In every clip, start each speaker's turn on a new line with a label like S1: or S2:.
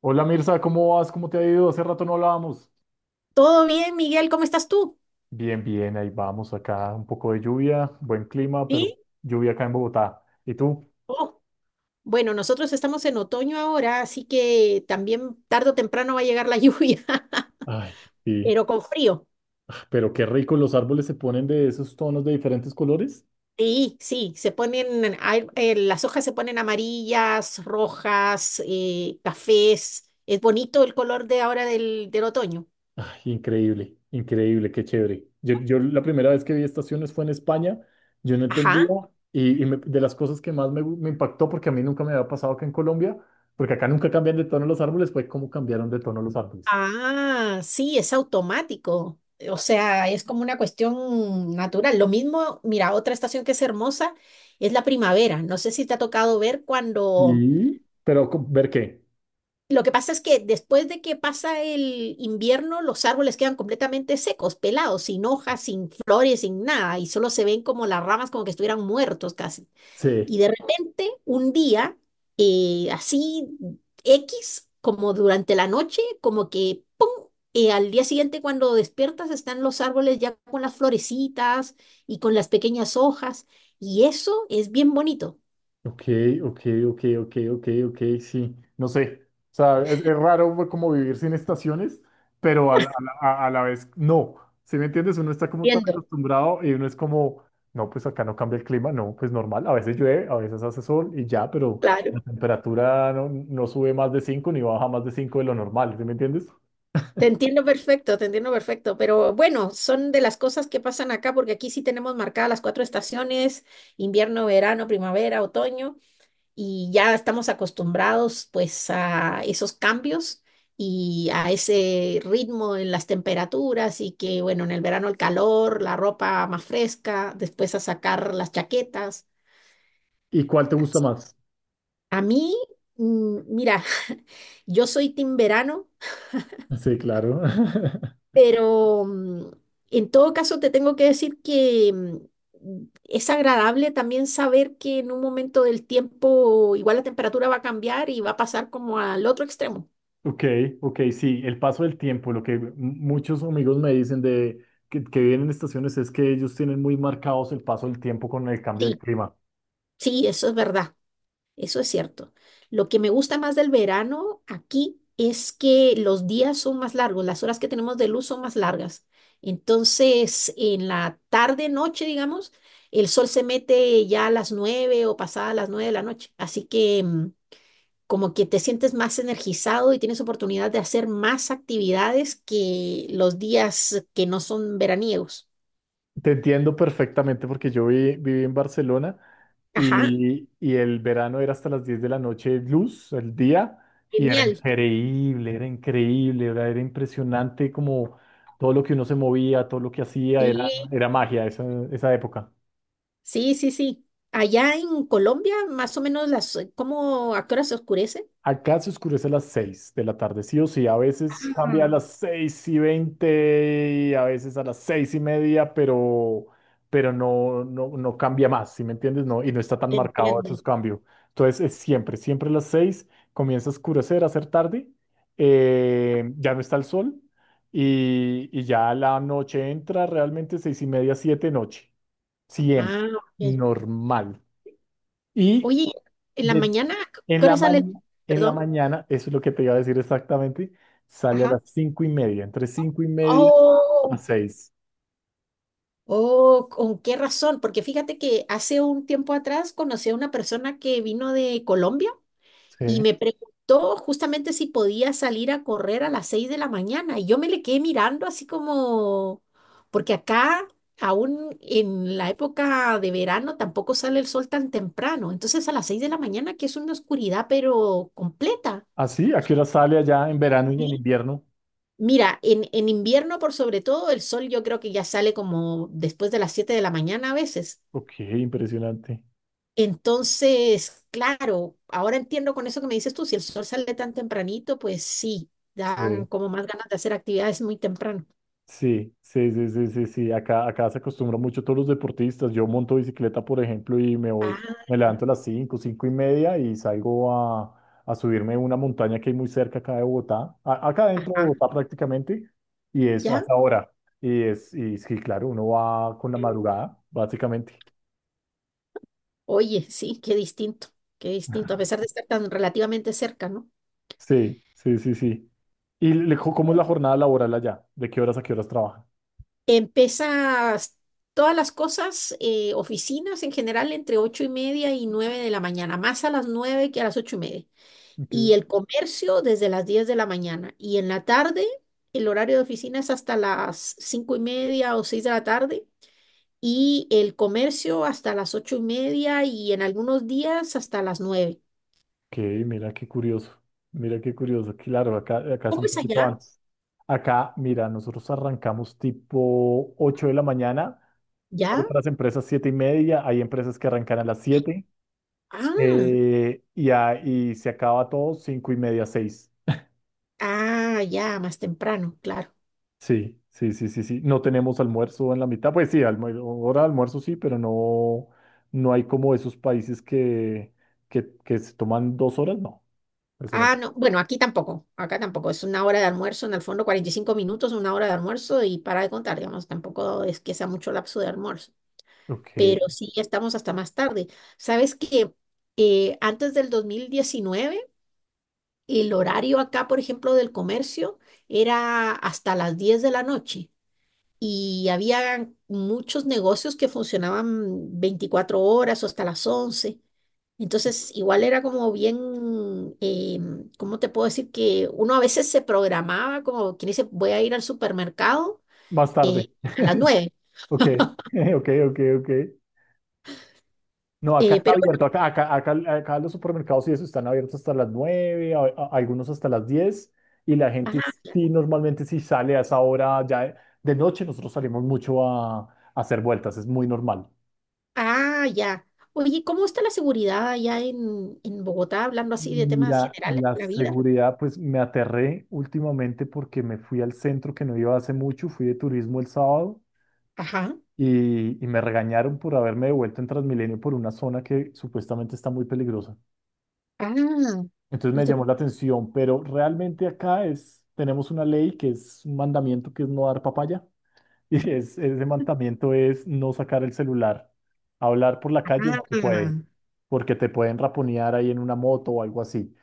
S1: Hola Mirza, ¿cómo vas? ¿Cómo te ha ido? Hace rato no hablábamos.
S2: Todo bien, Miguel, ¿cómo estás tú?
S1: Bien, bien, ahí vamos acá. Un poco de lluvia, buen clima, pero
S2: ¿Sí?
S1: lluvia acá en Bogotá. ¿Y tú?
S2: Oh, bueno, nosotros estamos en otoño ahora, así que también tarde o temprano va a llegar la lluvia,
S1: Ay, sí.
S2: pero con frío.
S1: Pero qué rico, los árboles se ponen de esos tonos de diferentes colores.
S2: Sí, sí, se ponen, las hojas se ponen amarillas, rojas, cafés. Es bonito el color de ahora del otoño.
S1: Ay, increíble, increíble, qué chévere. Yo la primera vez que vi estaciones fue en España. Yo no
S2: Ajá.
S1: entendía y de las cosas que más me impactó, porque a mí nunca me había pasado que en Colombia, porque acá nunca cambian de tono los árboles, fue cómo cambiaron de tono los árboles.
S2: Ah, sí, es automático. O sea, es como una cuestión natural. Lo mismo, mira, otra estación que es hermosa es la primavera. No sé si te ha tocado ver cuando...
S1: ¿Y? ¿Pero ver qué?
S2: Lo que pasa es que después de que pasa el invierno, los árboles quedan completamente secos, pelados, sin hojas, sin flores, sin nada, y solo se ven como las ramas como que estuvieran muertos casi.
S1: Sí,
S2: Y de repente, un día, así X, como durante la noche, como que, ¡pum! Al día siguiente, cuando despiertas, están los árboles ya con las florecitas y con las pequeñas hojas. Y eso es bien bonito.
S1: ok, ok, ok, ok, ok, ok, sí, no sé, o sea, es, raro pues, como vivir sin estaciones, pero a la vez no, ¿sí me entiendes? Uno está como tan
S2: Entiendo,
S1: acostumbrado y uno es como, no, pues acá no cambia el clima, no, pues normal, a veces llueve, a veces hace sol y ya, pero la
S2: claro.
S1: temperatura no sube más de 5 ni baja más de 5 de lo normal, ¿sí me entiendes?
S2: Te entiendo perfecto, pero bueno, son de las cosas que pasan acá, porque aquí sí tenemos marcadas las cuatro estaciones, invierno, verano, primavera, otoño, y ya estamos acostumbrados pues a esos cambios y a ese ritmo en las temperaturas y que bueno, en el verano el calor, la ropa más fresca, después a sacar las chaquetas.
S1: ¿Y cuál te gusta más?
S2: A mí, mira, yo soy team verano,
S1: Sí, claro.
S2: pero en todo caso te tengo que decir que es agradable también saber que en un momento del tiempo igual la temperatura va a cambiar y va a pasar como al otro extremo.
S1: Ok, ok, sí, el paso del tiempo, lo que muchos amigos me dicen de que viven en estaciones es que ellos tienen muy marcados el paso del tiempo con el cambio del
S2: Sí.
S1: clima.
S2: Sí, eso es verdad, eso es cierto. Lo que me gusta más del verano aquí es que los días son más largos, las horas que tenemos de luz son más largas. Entonces, en la tarde, noche, digamos, el sol se mete ya a las 9 o pasada las 9 de la noche. Así que como que te sientes más energizado y tienes oportunidad de hacer más actividades que los días que no son veraniegos.
S1: Te entiendo perfectamente porque yo viví en Barcelona
S2: Ajá,
S1: y el verano era hasta las 10 de la noche luz, el día, y era
S2: genial.
S1: increíble, era increíble, era impresionante como todo lo que uno se movía, todo lo que hacía, era,
S2: Sí,
S1: era magia esa época.
S2: sí, sí, sí. Allá en Colombia, más o menos las, ¿cómo a qué hora se oscurece?
S1: Acá se oscurece a las 6 de la tarde, sí o sí. A veces cambia a
S2: Ujú.
S1: las 6:20 y a veces a las 6:30, pero no cambia más, ¿sí me entiendes? No, y no está tan marcado esos
S2: Entiende.
S1: cambios. Entonces es siempre, siempre a las 6 comienza a oscurecer, a ser tarde, ya no está el sol y ya la noche entra realmente 6:30, 7 noche. Siempre,
S2: Ah, ok.
S1: normal. Y
S2: Oye, en la
S1: de-
S2: mañana, ¿a
S1: en
S2: ¿qué hora
S1: la ma-
S2: sale?
S1: en la
S2: Perdón.
S1: mañana, eso es lo que te iba a decir exactamente, sale a
S2: Ajá.
S1: las 5:30, entre 5:30 a
S2: Oh,
S1: 6.
S2: oh, ¿con qué razón? Porque fíjate que hace un tiempo atrás conocí a una persona que vino de Colombia y
S1: Sí.
S2: me preguntó justamente si podía salir a correr a las 6 de la mañana. Y yo me le quedé mirando así como, porque acá aún en la época de verano tampoco sale el sol tan temprano. Entonces a las 6 de la mañana, que es una oscuridad pero completa.
S1: ¿Así? ¿A qué hora sale allá en verano y en
S2: ¿Sí?
S1: invierno?
S2: Mira, en invierno por sobre todo el sol yo creo que ya sale como después de las 7 de la mañana a veces.
S1: Ok, impresionante.
S2: Entonces, claro, ahora entiendo con eso que me dices tú, si el sol sale tan tempranito, pues sí, dan
S1: Sí.
S2: como más ganas de hacer actividades muy temprano.
S1: Sí, sí, sí, sí, sí, sí. Acá se acostumbran mucho todos los deportistas. Yo monto bicicleta, por ejemplo, y me voy,
S2: Ah,
S1: me levanto a las 5, 5:30 y salgo a subirme una montaña que hay muy cerca acá de Bogotá, acá dentro de
S2: ajá,
S1: Bogotá prácticamente, y es a
S2: ya.
S1: esa hora. Y sí, claro, uno va con la madrugada, básicamente.
S2: Oye, sí, qué distinto, a pesar de estar tan relativamente cerca, ¿no?
S1: Sí, sí, sí, sí. ¿Y
S2: Tú
S1: cómo es la jornada laboral allá? ¿De qué horas a qué horas trabajan?
S2: Empiezas todas las cosas, oficinas en general, entre 8:30 y 9 de la mañana, más a las 9 que a las 8:30.
S1: Ok.
S2: Y el comercio desde las 10 de la mañana. Y en la tarde, el horario de oficina es hasta las 5:30 o 6 de la tarde y el comercio hasta las 8:30 y en algunos días hasta las 9.
S1: Ok, mira qué curioso, mira qué curioso, claro, acá, es
S2: ¿Cómo
S1: un
S2: es
S1: poquito
S2: allá?
S1: antes. Acá, mira, nosotros arrancamos tipo 8 de la mañana,
S2: ¿Ya?
S1: otras empresas 7:30, hay empresas que arrancan a las 7
S2: Ah,
S1: y se acaba todo 5:30, 6.
S2: ah, ya, más temprano, claro.
S1: Sí, sí, sí, sí, sí. No tenemos almuerzo en la mitad, pues sí, hora de almuerzo sí, pero no hay como esos países que, que se toman 2 horas, no, eso no.
S2: Ah, no, bueno, aquí tampoco, acá tampoco, es una hora de almuerzo, en el fondo 45 minutos, una hora de almuerzo y para de contar, digamos, tampoco es que sea mucho lapso de almuerzo.
S1: Ok,
S2: Pero sí ya estamos hasta más tarde. ¿Sabes que antes del 2019 el horario acá, por ejemplo, del comercio era hasta las 10 de la noche y había muchos negocios que funcionaban 24 horas o hasta las 11? Entonces, igual era como bien, ¿cómo te puedo decir? Que uno a veces se programaba como quien dice, voy a ir al supermercado
S1: más
S2: eh,
S1: tarde.
S2: a las nueve
S1: Ok, ok, ok, ok. No, acá
S2: eh,
S1: está
S2: pero
S1: abierto,
S2: bueno,
S1: acá los supermercados y eso están abiertos hasta las 9, algunos hasta las 10. Y la gente
S2: ajá.
S1: sí, normalmente sí sale a esa hora ya de noche, nosotros salimos mucho a hacer vueltas, es muy normal.
S2: Ah, ya. Oye, ¿cómo está la seguridad allá en Bogotá, hablando así de temas
S1: Mira,
S2: generales
S1: la
S2: de la vida?
S1: seguridad, pues me aterré últimamente porque me fui al centro que no iba hace mucho, fui de turismo el sábado
S2: Ajá.
S1: y me regañaron por haberme devuelto en Transmilenio por una zona que supuestamente está muy peligrosa.
S2: Ah,
S1: Entonces
S2: no
S1: me
S2: te
S1: llamó la
S2: puedo.
S1: atención, pero realmente acá tenemos una ley que es un mandamiento que es no dar papaya. Y ese mandamiento es no sacar el celular. Hablar por la calle no se puede,
S2: Ah,
S1: porque te pueden raponear ahí en una moto o algo así.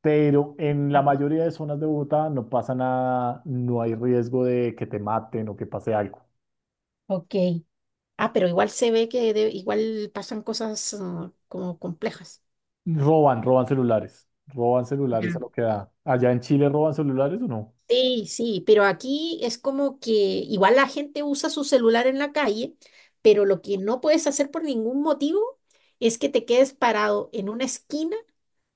S1: Pero en la mayoría de zonas de Bogotá no pasa nada, no hay riesgo de que te maten o que pase algo.
S2: ok. Ah, pero igual se ve que igual pasan cosas como complejas.
S1: Roban, roban celulares. Roban celulares a
S2: Ujú.
S1: lo que da. ¿Allá en Chile roban celulares o no?
S2: Sí, sí, pero aquí es como que igual la gente usa su celular en la calle, pero lo que no puedes hacer por ningún motivo es que te quedes parado en una esquina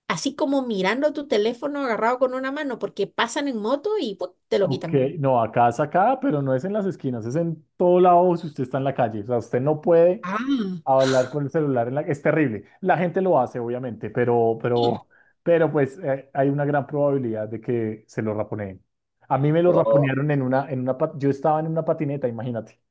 S2: así como mirando tu teléfono agarrado con una mano, porque pasan en moto y ¡pum! Te lo
S1: Ok,
S2: quitan.
S1: no, acá es acá, pero no es en las esquinas, es en todo lado si usted está en la calle. O sea, usted no puede
S2: Ah,
S1: hablar con el celular. Es terrible. La gente lo hace, obviamente, pero, pero pues hay una gran probabilidad de que se lo raponeen. A mí me lo
S2: oh.
S1: raponearon. Yo estaba en una patineta, imagínate.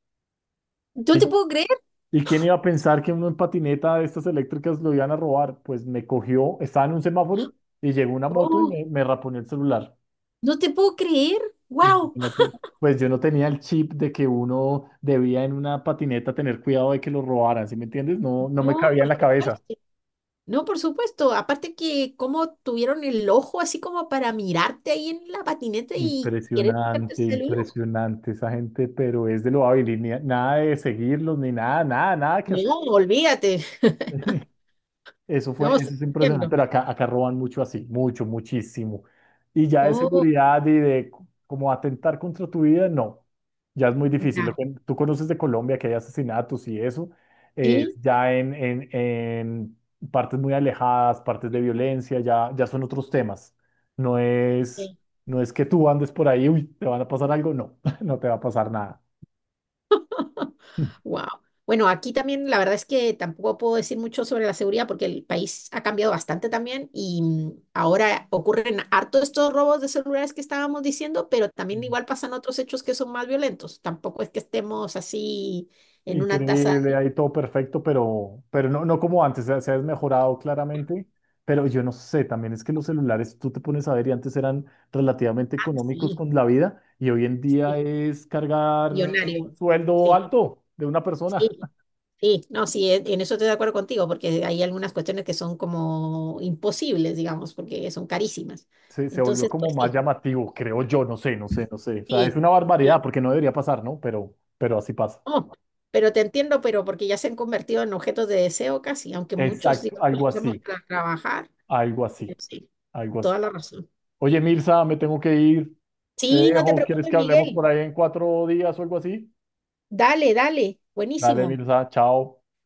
S2: ¿No te
S1: ¿Y,
S2: puedo creer?
S1: y quién iba a pensar que uno en patineta de estas eléctricas lo iban a robar? Pues me cogió, estaba en un semáforo y llegó una moto y
S2: Oh,
S1: me raponeó el celular.
S2: no te puedo creer. ¡Wow!
S1: Imagínate. Pues yo no tenía el chip de que uno debía en una patineta tener cuidado de que lo robaran, ¿sí me entiendes? No, no me
S2: No,
S1: cabía en
S2: por
S1: la cabeza.
S2: supuesto. No, por supuesto. Aparte que como tuvieron el ojo así como para mirarte ahí en la patineta y querer quitarte el
S1: Impresionante,
S2: celular.
S1: impresionante esa gente, pero es de lo hábil y nada de seguirlos ni nada, nada, nada que hacer.
S2: No, olvídate.
S1: Eso fue,
S2: No, sí,
S1: eso es impresionante,
S2: entiendo.
S1: pero acá, roban mucho así, mucho, muchísimo. Y ya de
S2: Oh,
S1: seguridad y como atentar contra tu vida, no, ya es muy difícil. Lo
S2: ya.
S1: que tú conoces de Colombia, que hay asesinatos y eso, es
S2: Sí.
S1: ya en, en partes muy alejadas, partes de violencia, ya son otros temas. No es, no es que tú andes por ahí, uy, te van a pasar algo, no, no te va a pasar nada.
S2: Ok. Wow. Bueno, aquí también la verdad es que tampoco puedo decir mucho sobre la seguridad porque el país ha cambiado bastante también y ahora ocurren harto estos robos de celulares que estábamos diciendo, pero también igual pasan otros hechos que son más violentos. Tampoco es que estemos así en una tasa
S1: Increíble, ahí todo perfecto, pero, no como antes, se ha desmejorado claramente, pero yo no sé, también es que los celulares, tú te pones a ver y antes eran relativamente económicos
S2: así,
S1: con la vida y hoy en día
S2: sí,
S1: es cargar
S2: millonario.
S1: un sueldo
S2: Sí,
S1: alto de una persona.
S2: sí, sí. No, sí, en eso estoy de acuerdo contigo porque hay algunas cuestiones que son como imposibles, digamos, porque son carísimas.
S1: Se volvió
S2: Entonces,
S1: como
S2: pues
S1: más
S2: sí,
S1: llamativo, creo yo, no sé, no sé, no sé. O sea, es
S2: sí.
S1: una
S2: Sí.
S1: barbaridad porque no debería pasar, ¿no? pero, así pasa.
S2: No, pero te entiendo, pero porque ya se han convertido en objetos de deseo casi, aunque muchos,
S1: Exacto,
S2: digamos,
S1: algo
S2: los usamos
S1: así,
S2: para trabajar.
S1: algo
S2: Pero
S1: así,
S2: sí,
S1: algo así.
S2: toda la razón.
S1: Oye, Mirza, me tengo que ir. Te
S2: Sí, no te
S1: dejo. ¿Quieres
S2: preocupes,
S1: que hablemos por
S2: Miguel.
S1: ahí en 4 días o algo así?
S2: Dale, dale.
S1: Dale,
S2: Buenísimo.
S1: Mirza, chao.